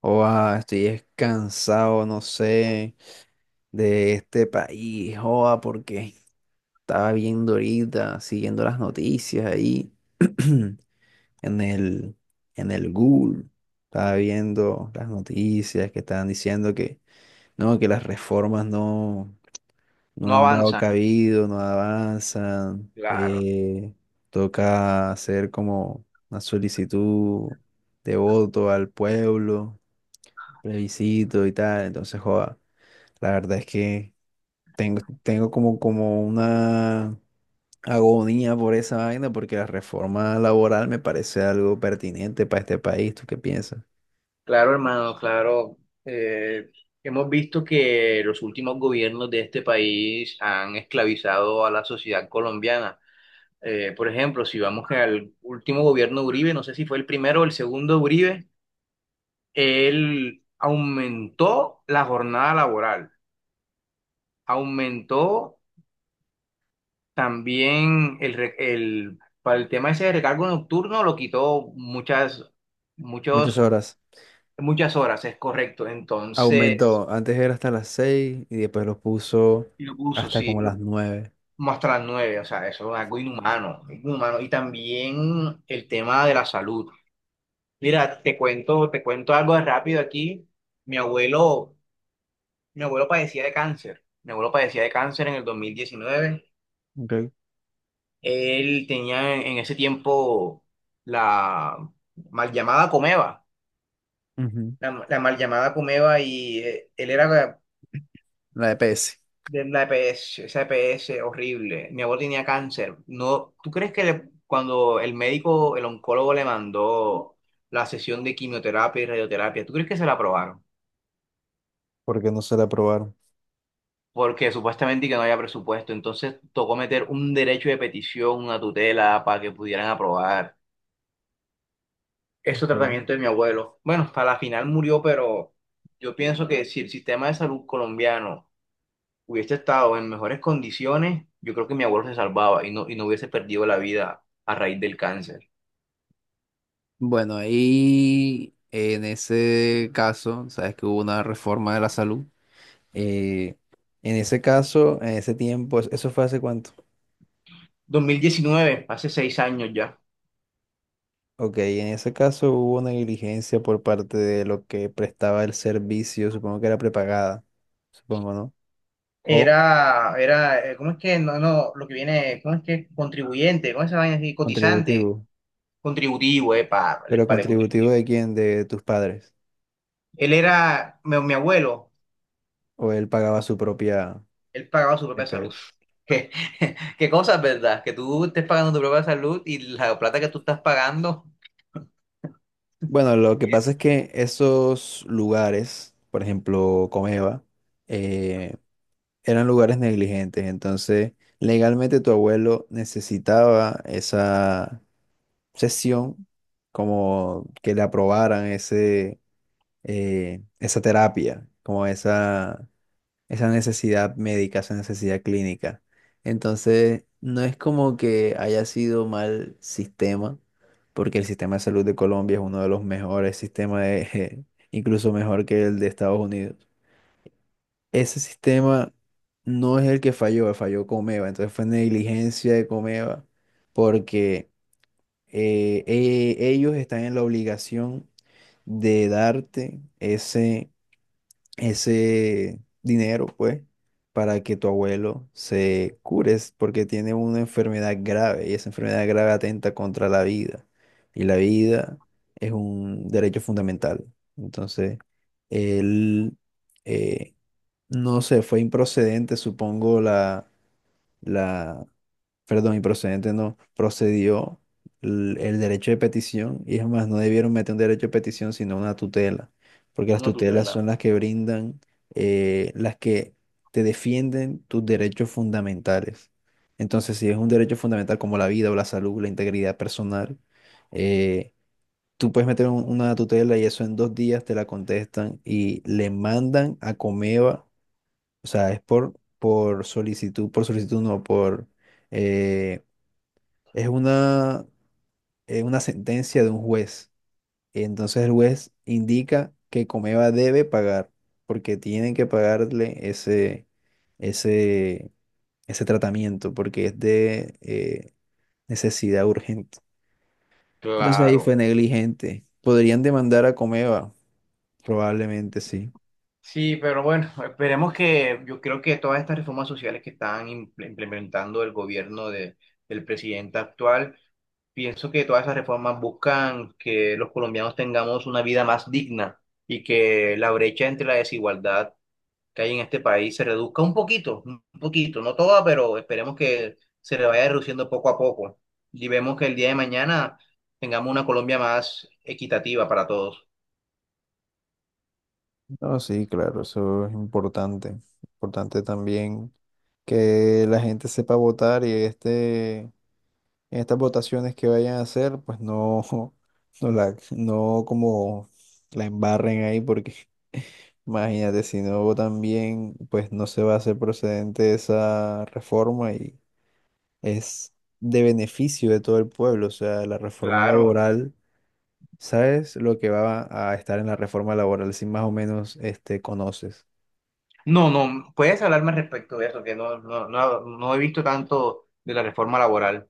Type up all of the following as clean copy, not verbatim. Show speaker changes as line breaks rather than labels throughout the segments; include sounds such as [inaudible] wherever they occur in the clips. Oa, estoy cansado, no sé, de este país, joa, porque estaba viendo ahorita, siguiendo las noticias ahí [clears throat] en el, en el Google. Estaba viendo las noticias que estaban diciendo que no, que las reformas no,
No
no han dado
avanzan.
cabido, no avanzan,
Claro,
toca hacer como una solicitud de voto al pueblo, plebiscito y tal, entonces joa. La verdad es que tengo como, como una agonía por esa vaina, porque la reforma laboral me parece algo pertinente para este país. ¿Tú qué piensas?
claro, hermano, claro. Eh, Hemos visto que los últimos gobiernos de este país han esclavizado a la sociedad colombiana. Por ejemplo, si vamos al último gobierno de Uribe, no sé si fue el primero o el segundo de Uribe, él aumentó la jornada laboral, aumentó también para el tema ese de recargo nocturno, lo quitó muchas,
Muchas
muchos,
horas. Sí.
muchas horas, es correcto. Entonces...
Aumentó. Antes era hasta las 6 y después lo puso
Y lo puso,
hasta
sí,
como
lo-
las nueve.
como hasta las nueve, o sea, eso es algo inhumano, inhumano. Y también el tema de la salud. Mira, te cuento algo de rápido aquí. Mi abuelo, mi abuelo padecía de cáncer. Mi abuelo padecía de cáncer en el 2019.
Ok.
Él tenía en ese tiempo la mal llamada Comeva,
Ujú.
la mal llamada Comeva y él era
La EPS.
de la EPS, esa EPS horrible. Mi abuelo tenía cáncer. No, ¿tú crees que le- cuando el médico, el oncólogo le mandó la sesión de quimioterapia y radioterapia, ¿tú crees que se la aprobaron?
Porque no se la aprobaron.
Porque supuestamente que no había presupuesto, entonces tocó meter un derecho de petición, una tutela para que pudieran aprobar ese
Ok.
tratamiento de mi abuelo. Bueno, hasta la final murió, pero yo pienso que si el sistema de salud colombiano hubiese estado en mejores condiciones, yo creo que mi abuelo se salvaba y no hubiese perdido la vida a raíz del cáncer.
Bueno, ahí en ese caso, sabes que hubo una reforma de la salud. Eh, en ese caso, en ese tiempo, ¿eso fue hace cuánto?
2019 hace 6 años ya.
Ok, en ese caso hubo una negligencia por parte de lo que prestaba el servicio, supongo que era prepagada, supongo, ¿no? O
Era, era, ¿cómo es que? No, no, lo que viene, ¿cómo es que? Contribuyente, ¿cómo es esa vaina así? Cotizante,
contributivo,
contributivo, para
pero
el
contributivo
contributivo.
de quién, de tus padres,
Él era, mi abuelo,
o él pagaba su propia
él pagaba su propia salud.
EPS.
[laughs] ¿Qué, qué cosas, verdad? Que tú estés pagando tu propia salud y la plata que tú estás pagando
Bueno,
se
lo que pasa es
pierde.
que esos lugares, por ejemplo, Comeva, eh, eran lugares negligentes, entonces legalmente tu abuelo necesitaba esa sesión, como que le aprobaran ese, esa terapia, como esa necesidad médica, esa necesidad clínica. Entonces, no es como que haya sido mal sistema, porque el sistema de salud de Colombia es uno de los mejores sistemas, [laughs] incluso mejor que el de Estados Unidos. Ese sistema no es el que falló, falló Comeva, entonces fue negligencia de Comeva, porque ellos están en la obligación de darte ese dinero, pues, para que tu abuelo se cure, es porque tiene una enfermedad grave y esa enfermedad grave atenta contra la vida. Y la vida es un derecho fundamental. Entonces, él, eh, no sé, fue improcedente, supongo, la, perdón, y procedente no, procedió el derecho de petición. Y es más, no debieron meter un derecho de petición sino una tutela, porque las
Una
tutelas
tutela.
son las que brindan, las que te defienden tus derechos fundamentales. Entonces, si es un derecho fundamental como la vida o la salud, la integridad personal, eh, tú puedes meter una tutela y eso en dos días te la contestan y le mandan a Comeva, o sea, es por solicitud no, por... eh, es una sentencia de un juez. Entonces el juez indica que Comeva debe pagar, porque tienen que pagarle ese, ese tratamiento, porque es de necesidad urgente. Entonces ahí
Claro.
fue negligente. ¿Podrían demandar a Comeva? Probablemente sí.
Sí, pero bueno, esperemos que yo creo que todas estas reformas sociales que están implementando el gobierno del presidente actual, pienso que todas esas reformas buscan que los colombianos tengamos una vida más digna y que la brecha entre la desigualdad que hay en este país se reduzca un poquito, no toda, pero esperemos que se le vaya reduciendo poco a poco y vemos que el día de mañana tengamos una Colombia más equitativa para todos.
No, sí, claro, eso es importante. Importante también que la gente sepa votar y este, en estas votaciones que vayan a hacer, pues no, [laughs] no, la, no como la embarren ahí, porque [laughs] imagínate, si no votan bien, pues no se va a hacer procedente esa reforma y es de beneficio de todo el pueblo. O sea, la reforma
Claro.
laboral, ¿sabes lo que va a estar en la reforma laboral? Si más o menos este, conoces.
No, no, puedes hablarme respecto de eso, que no, no, no, no he visto tanto de la reforma laboral.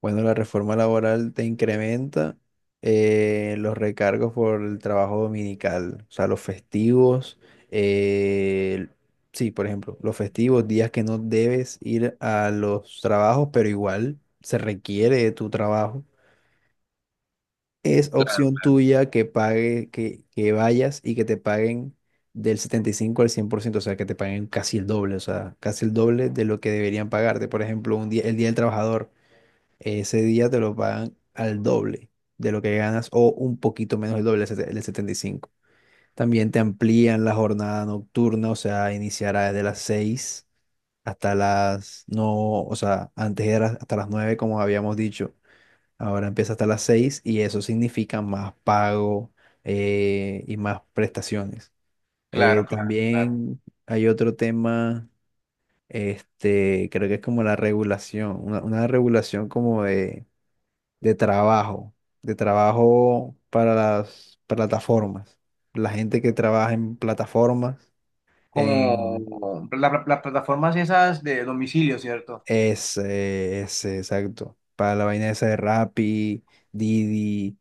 Bueno, la reforma laboral te incrementa los recargos por el trabajo dominical, o sea, los festivos, eh, sí, por ejemplo, los festivos, días que no debes ir a los trabajos, pero igual se requiere de tu trabajo. Es
Claro,
opción
claro.
tuya que pague, que vayas y que te paguen del 75 al cien por ciento, o sea, que te paguen casi el doble, o sea, casi el doble de lo que deberían pagarte. Por ejemplo, un día, el Día del Trabajador, ese día te lo pagan al doble de lo que ganas o un poquito menos el doble, el setenta y cinco. También te amplían la jornada nocturna, o sea, iniciará desde las 6 hasta las, no, o sea, antes era hasta las 9 como habíamos dicho, ahora empieza hasta las 6 y eso significa más pago, y más prestaciones.
Claro, claro, claro.
También hay otro tema, este, creo que es como la regulación, una regulación como de de trabajo, de trabajo para las plataformas. La gente que trabaja en plataformas, en
Como las plataformas esas de domicilio, ¿cierto?
exacto. Para la vaina esa de Rappi, Didi,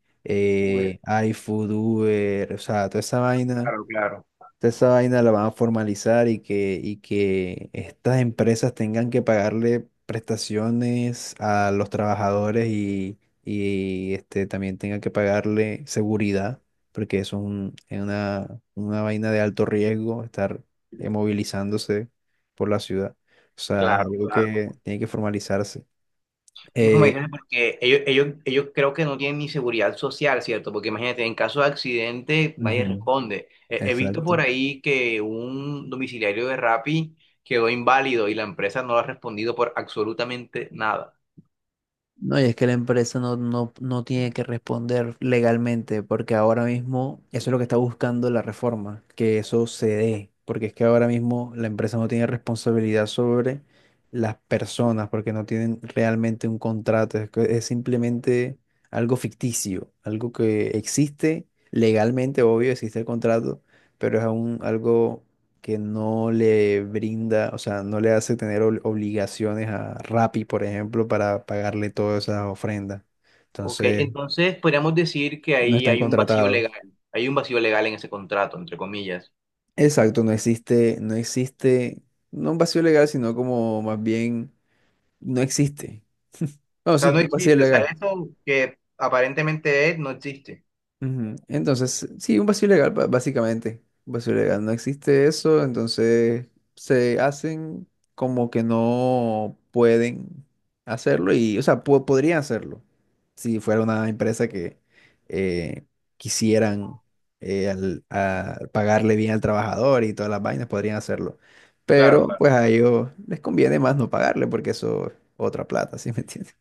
Uber.
eh, iFood, Uber, o sea, toda esa vaina.
Claro, claro.
Entonces, esa vaina la van a formalizar, y que estas empresas tengan que pagarle prestaciones a los trabajadores y, este, también tengan que pagarle seguridad, porque eso es es una vaina de alto riesgo, estar movilizándose por la ciudad. O sea, es
Claro,
algo
claro.
que tiene que formalizarse.
Hijo, me
Eh,
dices porque ellos creo que no tienen ni seguridad social, ¿cierto? Porque imagínate, en caso de accidente nadie
ujú,
responde. He visto por
exacto.
ahí que un domiciliario de Rappi quedó inválido y la empresa no ha respondido por absolutamente nada.
No, y es que la empresa no, no tiene que responder legalmente, porque ahora mismo eso es lo que está buscando la reforma, que eso se dé, porque es que ahora mismo la empresa no tiene responsabilidad sobre las personas, porque no tienen realmente un contrato, es, que es simplemente algo ficticio, algo que existe legalmente, obvio, existe el contrato, pero es aún algo que no le brinda, o sea, no le hace tener obligaciones a Rappi, por ejemplo, para pagarle todas esas ofrendas.
Ok,
Entonces,
entonces podríamos decir que
no
ahí
están Sí.
hay un vacío
contratados.
legal, hay un vacío legal en ese contrato, entre comillas.
Exacto, no existe, no un vacío legal, sino como más bien, no existe. No,
O sea,
sí,
no
un vacío
existe, o sea,
legal.
eso que aparentemente es, no existe.
Ujú. Entonces, sí, un vacío legal, básicamente. Un vacío legal. No existe eso, entonces se hacen como que no pueden hacerlo y, o sea, podrían hacerlo si fuera una empresa que eh, quisieran a pagarle bien al trabajador y todas las vainas, podrían hacerlo.
Claro,
Pero
claro.
pues a ellos les conviene más no pagarle porque eso es otra plata, [laughs] ¿sí me entiendes?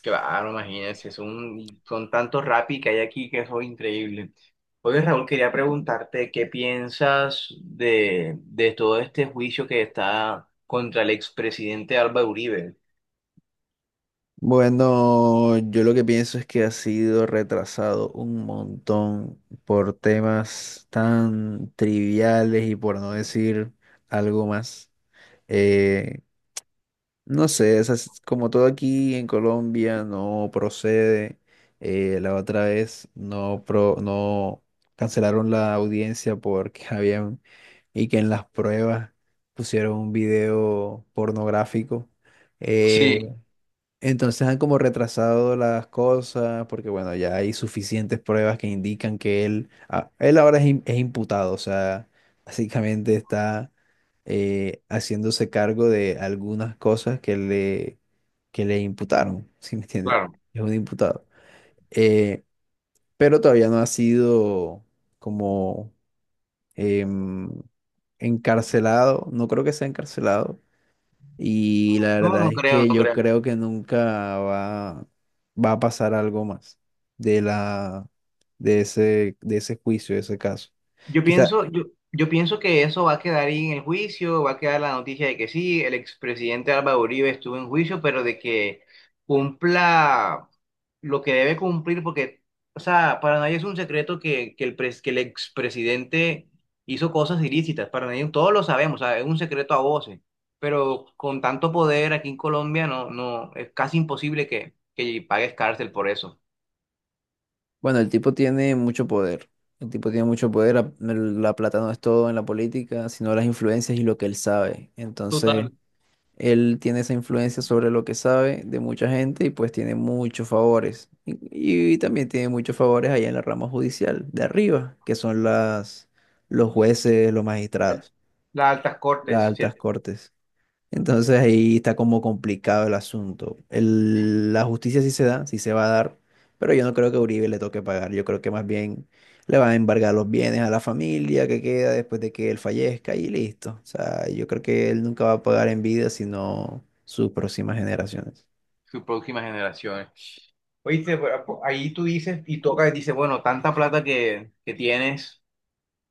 Claro, imagínense, son, son tantos rapis que hay aquí que eso es increíble. Oye, Raúl, quería preguntarte qué piensas de todo este juicio que está contra el expresidente Álvaro Uribe.
Bueno, yo lo que pienso es que ha sido retrasado un montón por temas tan triviales y por no decir algo más. Eh, no sé, esas- como todo aquí en Colombia no procede. La otra vez no, no cancelaron la audiencia porque [laughs] habían, y que en las pruebas pusieron un video pornográfico. eh,
Sí,
entonces han como retrasado las cosas porque, bueno, ya hay suficientes pruebas que indican que él, ah, él ahora es, es imputado, o sea, [laughs] básicamente está haciéndose cargo de algunas cosas que le imputaron, [laughs] ¿sí me entiende?
claro.
Es un imputado. Eh, pero todavía no ha sido como em, encarcelado, no creo que sea encarcelado, y la
No,
verdad
no
es
creo,
que
no
yo
creo.
creo que nunca va, va a pasar algo más de la, de ese juicio, de ese caso.
Yo
Quizá,
pienso, yo pienso que eso va a quedar ahí en el juicio, va a quedar la noticia de que sí, el expresidente Álvaro Uribe estuvo en juicio, pero de que cumpla lo que debe cumplir, porque, o sea, para nadie es un secreto que, que el expresidente hizo cosas ilícitas, para nadie, todos lo sabemos, o sea, es un secreto a voces, pero con tanto poder aquí en Colombia no, no, es casi imposible que pagues cárcel por eso.
bueno, el tipo tiene mucho poder. El tipo tiene mucho poder. La plata no es todo en la política, sino las influencias y lo que él sabe. Entonces,
Total.
él tiene esa influencia sobre lo que sabe de mucha gente y pues tiene muchos favores. Y también tiene muchos favores allá en la rama judicial de arriba, que son los jueces, los magistrados,
Las altas
las
cortes,
altas
¿cierto?
cortes. Entonces ahí está como complicado el asunto. La justicia sí se da, sí se va a dar, pero yo no creo que a Uribe le toque pagar. Yo creo que más bien le van a embargar los bienes a la familia que queda después de que él fallezca y listo. O sea, yo creo que él nunca va a pagar en vida, sino sus próximas generaciones.
Sus próximas generaciones. Oíste, pero ahí tú dices y toca y dices, bueno, tanta plata que tienes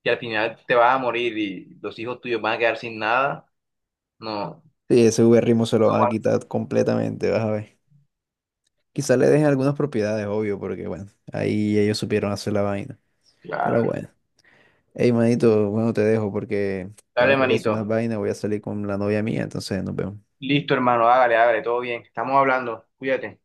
que al final te vas a morir y los hijos tuyos van a quedar sin nada. No, no
Sí, ese Uberrimo se lo van a
aguanta.
quitar completamente, vas a ver. Quizá le dejen algunas propiedades, obvio, porque bueno, ahí ellos supieron hacer la vaina. Pero
Claro.
bueno. Hey, manito, bueno, te dejo porque tengo
Dale,
que ir a hacer unas
manito.
vainas, voy a salir con la novia mía, entonces nos vemos.
Listo, hermano, hágale, hágale, todo bien. Estamos hablando. Cuídate.